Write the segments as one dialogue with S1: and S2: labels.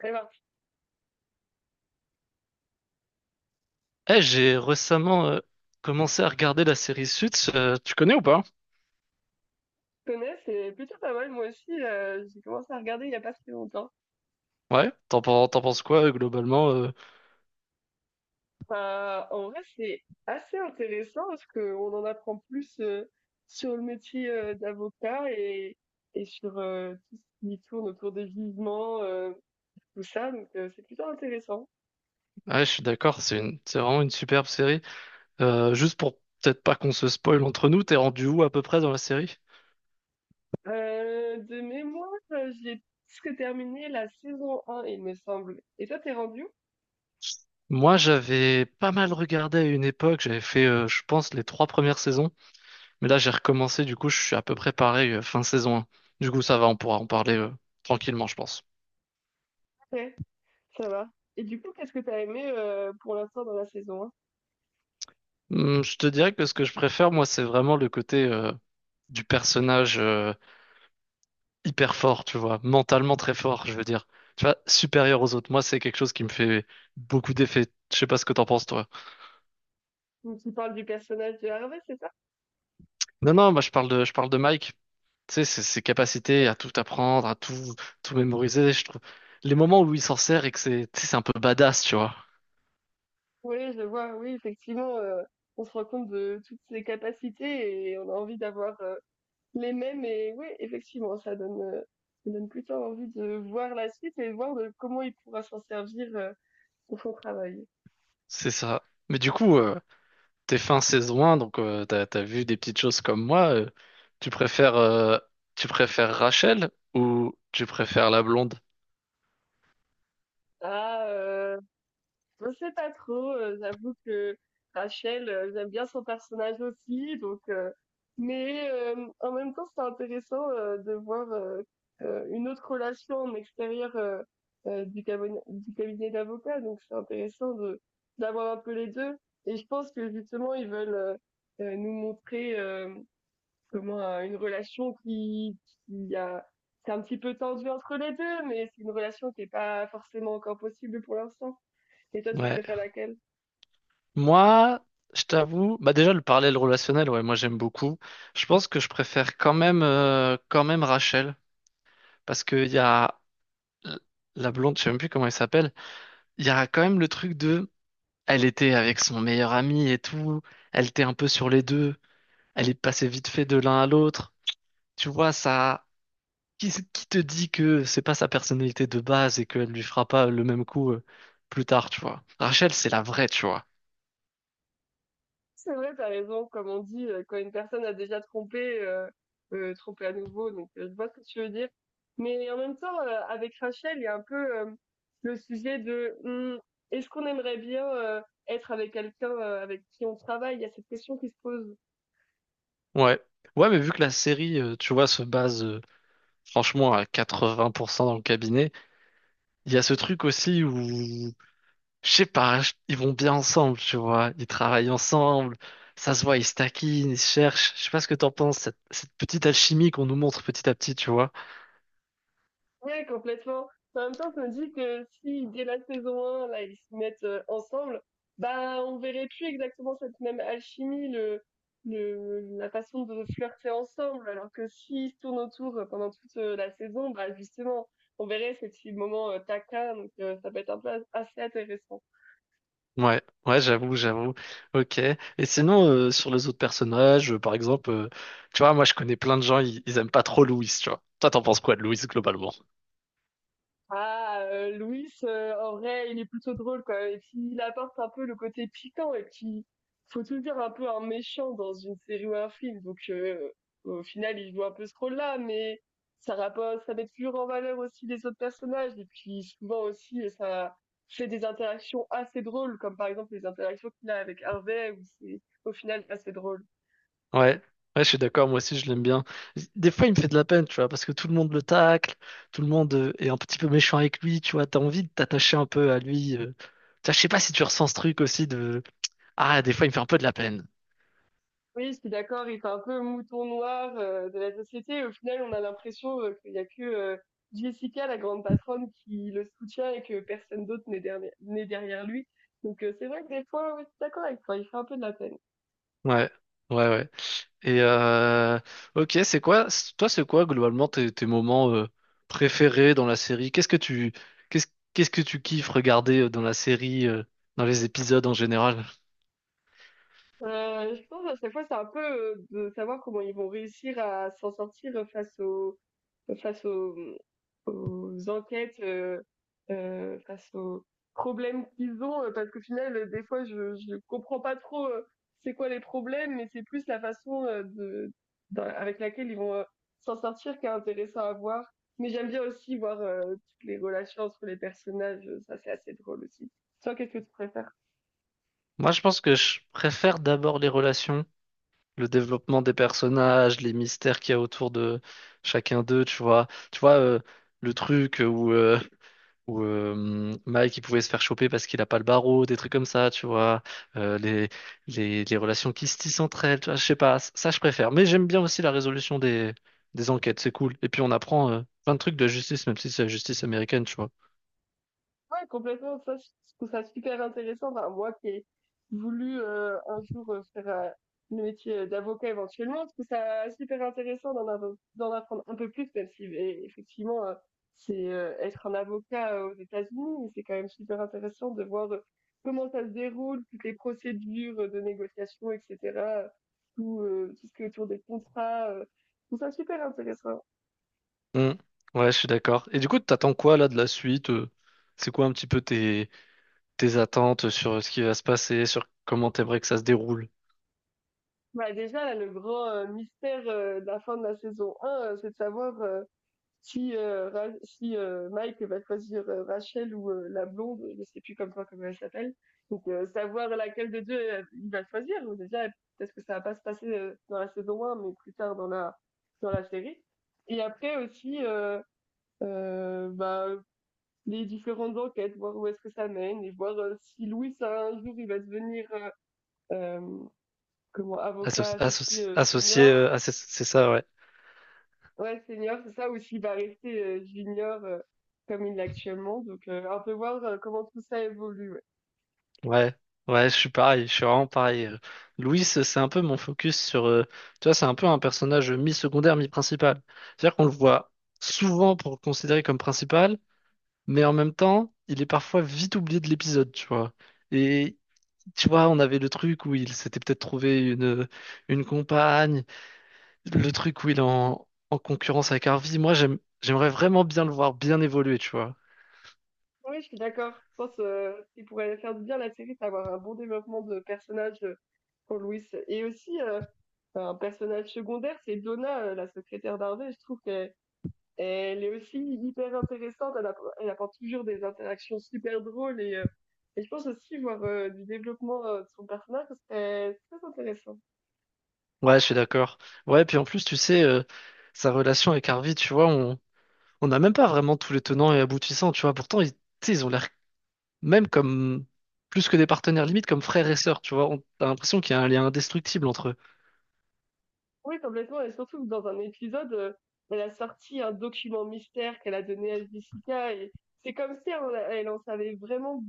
S1: Alors,
S2: J'ai récemment commencé à regarder la série Suits. Tu connais ou pas?
S1: je connais, c'est plutôt pas mal. Moi aussi, j'ai commencé à regarder il y a pas si longtemps.
S2: Ouais, t'en penses quoi globalement?
S1: En vrai, c'est assez intéressant parce qu'on en apprend plus sur le métier d'avocat et sur tout ce qui tourne autour des jugements, tout ça. Donc, c'est plutôt intéressant.
S2: Ouais, je suis d'accord, c'est vraiment une superbe série. Juste pour peut-être pas qu'on se spoil entre nous, t'es rendu où à peu près dans la série?
S1: De mémoire, j'ai presque terminé la saison un il me semble. Et toi, t'es rendu où?
S2: Moi, j'avais pas mal regardé à une époque, j'avais fait, je pense, les trois premières saisons. Mais là, j'ai recommencé, du coup, je suis à peu près pareil, fin saison 1. Du coup, ça va, on pourra en parler tranquillement, je pense.
S1: Ouais, ça va. Et du coup, qu'est-ce que t'as aimé pour l'instant dans la saison 1?
S2: Je te dirais que ce que je préfère, moi, c'est vraiment le côté du personnage. Hyper fort, tu vois, mentalement très fort, je veux dire. Tu vois, supérieur aux autres. Moi, c'est quelque chose qui me fait beaucoup d'effet. Je sais pas ce que t'en penses, toi.
S1: Donc, tu parles du personnage de Harvey, c'est ça?
S2: Non, non, moi, je parle de Mike. Tu sais, ses capacités à tout apprendre, tout mémoriser, je trouve. Les moments où il s'en sert et que c'est, tu sais, c'est un peu badass, tu vois.
S1: Oui, je vois, oui, effectivement, on se rend compte de toutes ses capacités et on a envie d'avoir les mêmes. Et oui, effectivement, ça ça donne plutôt envie de voir la suite et de voir de comment il pourra s'en servir pour son travail.
S2: C'est ça. Mais du coup, t'es fin saison 1, donc t'as vu des petites choses comme moi. Tu préfères, euh, tu préfères Rachel ou tu préfères la blonde?
S1: Ah, euh, Je sais pas trop, j'avoue que Rachel, j'aime bien son personnage aussi, donc mais en même temps, c'est intéressant, de voir, une autre relation en extérieur, du cabone du cabinet d'avocats, donc c'est intéressant de d'avoir un peu les 2 et je pense que justement ils veulent nous montrer, comment, une relation qui a c'est un petit peu tendu entre les 2 mais c'est une relation qui est pas forcément encore possible pour l'instant. Et toi, tu
S2: Ouais.
S1: préfères laquelle?
S2: Moi, je t'avoue, bah déjà le parallèle relationnel, ouais, moi j'aime beaucoup. Je pense que je préfère quand même, quand même Rachel, parce qu'il y a l- la blonde, je sais même plus comment elle s'appelle. Il y a quand même le truc de, elle était avec son meilleur ami et tout, elle était un peu sur les deux, elle est passée vite fait de l'un à l'autre. Tu vois, qui te dit que c'est pas sa personnalité de base et qu'elle lui fera pas le même coup, plus tard, tu vois. Rachel, c'est la vraie, tu vois.
S1: C'est vrai, t'as raison. Comme on dit, quand une personne a déjà trompé, tromper à nouveau. Donc, je vois ce que tu veux dire. Mais en même temps, avec Rachel, il y a un peu le sujet de est-ce qu'on aimerait bien être avec quelqu'un avec qui on travaille? Il y a cette question qui se pose.
S2: Ouais. Ouais, mais vu que la série, tu vois, se base franchement, à 80% dans le cabinet. Il y a ce truc aussi où, je sais pas, ils vont bien ensemble, tu vois. Ils travaillent ensemble. Ça se voit, ils se taquinent, ils se cherchent. Je sais pas ce que t'en penses, cette petite alchimie qu'on nous montre petit à petit, tu vois.
S1: Ouais, complètement. Mais en même temps, je me dis que si dès la saison 1, là, ils se mettent ensemble, bah, on verrait plus exactement cette même alchimie, la façon de flirter ensemble. Alors que s'ils se tournent autour pendant toute la saison, bah, justement, on verrait ces petits moments taquins, donc ça peut être un peu assez intéressant.
S2: Ouais, ouais, j'avoue, j'avoue. Ok. Et sinon, sur les autres personnages, par exemple, tu vois, moi je connais plein de gens, ils aiment pas trop Louis, tu vois. Toi, t'en penses quoi de Louis globalement?
S1: Louis, en vrai, il est plutôt drôle, quoi et puis il apporte un peu le côté piquant et puis, faut tout dire un peu un méchant dans une série ou un film donc au final, il joue un peu ce rôle-là mais ça rappo ça met toujours en valeur aussi les autres personnages et puis souvent aussi, ça fait des interactions assez drôles comme, par exemple, les interactions qu'il a avec Harvey où c'est, au final, assez drôle.
S2: Ouais, ouais, je suis d'accord, moi aussi je l'aime bien. Des fois il me fait de la peine, tu vois, parce que tout le monde le tacle, tout le monde est un petit peu méchant avec lui, tu vois, t'as envie de t'attacher un peu à lui. Tu vois, je sais pas si tu ressens ce truc aussi de... Ah, des fois il me fait un peu de la peine.
S1: Oui, je suis d'accord, il fait un peu mouton noir, de la société et au final, on a l'impression, qu'il y a que, Jessica, la grande patronne, qui le soutient et que personne d'autre n'est derrière lui. Donc c'est vrai que des fois, oui, je suis d'accord avec toi, il fait un peu de la peine.
S2: Ouais, ouais, ouais. Et Ok, toi c'est quoi globalement tes moments préférés dans la série? Qu'est-ce que tu... Qu'est-ce, qu'est-ce que tu kiffes regarder dans la série, dans les épisodes en général?
S1: Je pense à chaque fois, c'est un peu, de savoir comment ils vont réussir à s'en sortir, face au face aux aux enquêtes, face aux problèmes qu'ils ont, parce qu'au final, des fois, je comprends pas trop, c'est quoi les problèmes, mais c'est plus la façon, de dans avec laquelle ils vont, s'en sortir qui est intéressant à voir. Mais j'aime bien aussi voir, toutes les relations entre les personnages, ça c'est assez drôle aussi. Toi, qu'est-ce que tu préfères?
S2: Moi, je pense que je préfère d'abord les relations le développement des personnages, les mystères qu'il y a autour de chacun d'eux, tu vois. Tu vois, le truc où, euh, où Mike il pouvait se faire choper parce qu'il a pas le barreau, des trucs comme ça, tu vois. Euh, les, les relations qui se tissent entre elles, tu vois, je sais pas, ça je préfère. Mais j'aime bien aussi la résolution des enquêtes, c'est cool. Et puis on apprend plein de trucs de la justice, même si c'est la justice américaine, tu vois.
S1: Ouais, complètement. Ça, je trouve ça super intéressant. Enfin, moi qui ai voulu un jour faire le métier d'avocat éventuellement, je trouve ça super intéressant d'en d'en apprendre un peu plus, même si effectivement, c'est être un avocat aux États-Unis, mais c'est quand même super intéressant de voir comment ça se déroule, toutes les procédures de négociation, etc. Tout, tout ce qui est autour des contrats. Je trouve ça super intéressant.
S2: Hmm. Ouais, je suis d'accord. Et du coup, t'attends quoi là de la suite? C'est quoi un petit peu tes attentes sur ce qui va se passer, sur comment t'aimerais que ça se déroule.
S1: Bah, déjà, là, le grand mystère de la fin de la saison 1, c'est de savoir... si, Mike va choisir Rachel ou la blonde, je sais plus comment elle s'appelle. Donc savoir laquelle de deux il va choisir. Déjà peut-être que ça va pas se passer dans la saison un, mais plus tard dans la série. Et après aussi bah, les différentes enquêtes, voir où est-ce que ça mène et voir si Louis un jour il va devenir euh, comment avocat aussi
S2: Associé,
S1: senior.
S2: c'est ça, ouais.
S1: Ouais, senior, c'est ça, ou s'il va rester junior comme il l'est actuellement. Donc, on peut voir comment tout ça évolue. Ouais.
S2: Ouais, ouais, je suis pareil, je suis vraiment pareil. Louis, c'est un peu mon focus sur... tu vois, c'est un peu un personnage mi-secondaire, mi-principal. C'est-à-dire qu'on le voit souvent pour le considérer comme principal, mais en même temps, il est parfois vite oublié de l'épisode, tu vois. Et... Tu vois, on avait le truc où il s'était peut-être trouvé une compagne, le truc où il est en concurrence avec Harvey, j'aimerais vraiment bien le voir bien évoluer, tu vois.
S1: Oui, je suis d'accord. Je pense qu'il pourrait faire du bien à la série d'avoir un bon développement de personnage pour Louis. Et aussi, enfin, un personnage secondaire, c'est Donna, la secrétaire d'Harvey. Je trouve qu'elle est aussi hyper intéressante. Elle apporte toujours des interactions super drôles. Et je pense aussi voir du développement de son personnage, ce serait très intéressant.
S2: Ouais, je suis d'accord. Ouais, puis en plus, tu sais, sa relation avec Harvey, tu vois, on n'a même pas vraiment tous les tenants et aboutissants, tu vois. Pourtant, tu sais, ils ont l'air même comme plus que des partenaires limite, comme frères et sœurs, tu vois. On a l'impression qu'il y a un lien indestructible entre eux.
S1: Oui, complètement et surtout que dans un épisode, elle a sorti un document mystère qu'elle a donné à Jessica et c'est comme si elle en savait vraiment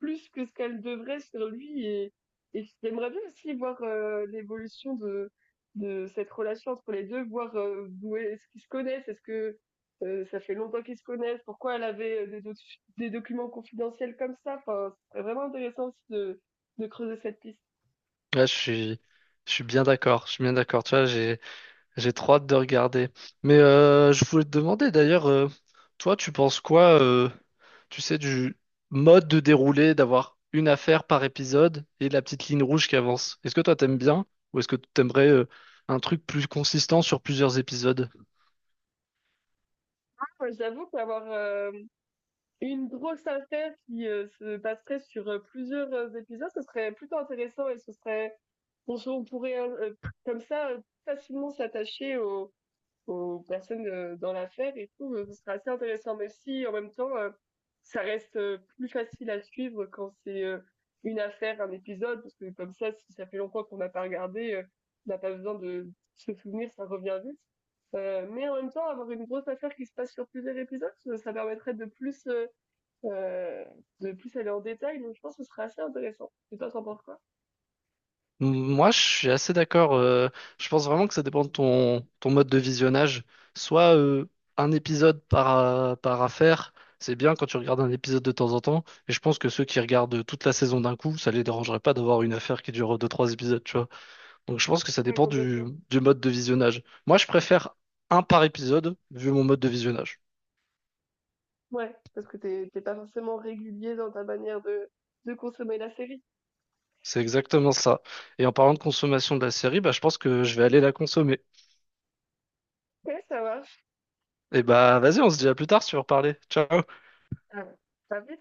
S1: plus que ce qu'elle devrait sur lui et j'aimerais bien aussi voir, l'évolution de cette relation entre les 2, voir, d'où est-ce qu'ils se connaissent? Est-ce que, ça fait longtemps qu'ils se connaissent? Pourquoi elle avait, des doc des documents confidentiels comme ça? Enfin, ce vraiment intéressant aussi de creuser cette piste.
S2: Ouais, je suis bien d'accord, je suis bien d'accord. Tu vois, j'ai trop hâte de regarder. Mais je voulais te demander d'ailleurs, toi, tu penses quoi, tu sais, du mode de déroulé, d'avoir une affaire par épisode et la petite ligne rouge qui avance. Est-ce que toi, t'aimes bien ou est-ce que tu aimerais un truc plus consistant sur plusieurs épisodes?
S1: Moi, j'avoue qu'avoir, hem une grosse affaire qui, se passerait sur, plusieurs, épisodes, ce serait plutôt intéressant et ce serait on se on pourrait, comme ça, facilement s'attacher aux aux personnes, dans l'affaire et tout, ce serait assez intéressant. Mais si en même temps, ça reste, plus facile à suivre quand c'est, une affaire, un épisode, parce que comme ça, si ça fait longtemps qu'on n'a pas regardé, on n'a pas besoin de se souvenir, ça revient vite. Mais en même temps, avoir une grosse affaire qui se passe sur plusieurs épisodes, ça permettrait euh, de plus aller en détail, donc je pense que ce serait assez intéressant. Et toi, t'en penses quoi?
S2: Moi, je suis assez d'accord. Je pense vraiment que ça dépend de ton mode de visionnage. Soit un épisode par par affaire, c'est bien quand tu regardes un épisode de temps en temps. Et je pense que ceux qui regardent toute la saison d'un coup, ça les dérangerait pas d'avoir une affaire qui dure deux, trois épisodes, tu vois. Donc je pense que ça
S1: Ouais,
S2: dépend
S1: complètement.
S2: du mode de visionnage. Moi, je préfère un par épisode vu mon mode de visionnage.
S1: Ouais, parce que t'es pas forcément régulier dans ta manière de consommer la série.
S2: C'est exactement ça. Et en parlant de consommation de la série, bah, je pense que je vais aller la consommer.
S1: Ouais, ça marche.
S2: Et bah vas-y, on se dit à plus tard si tu veux reparler. Ciao.
S1: Ah, t'as vu,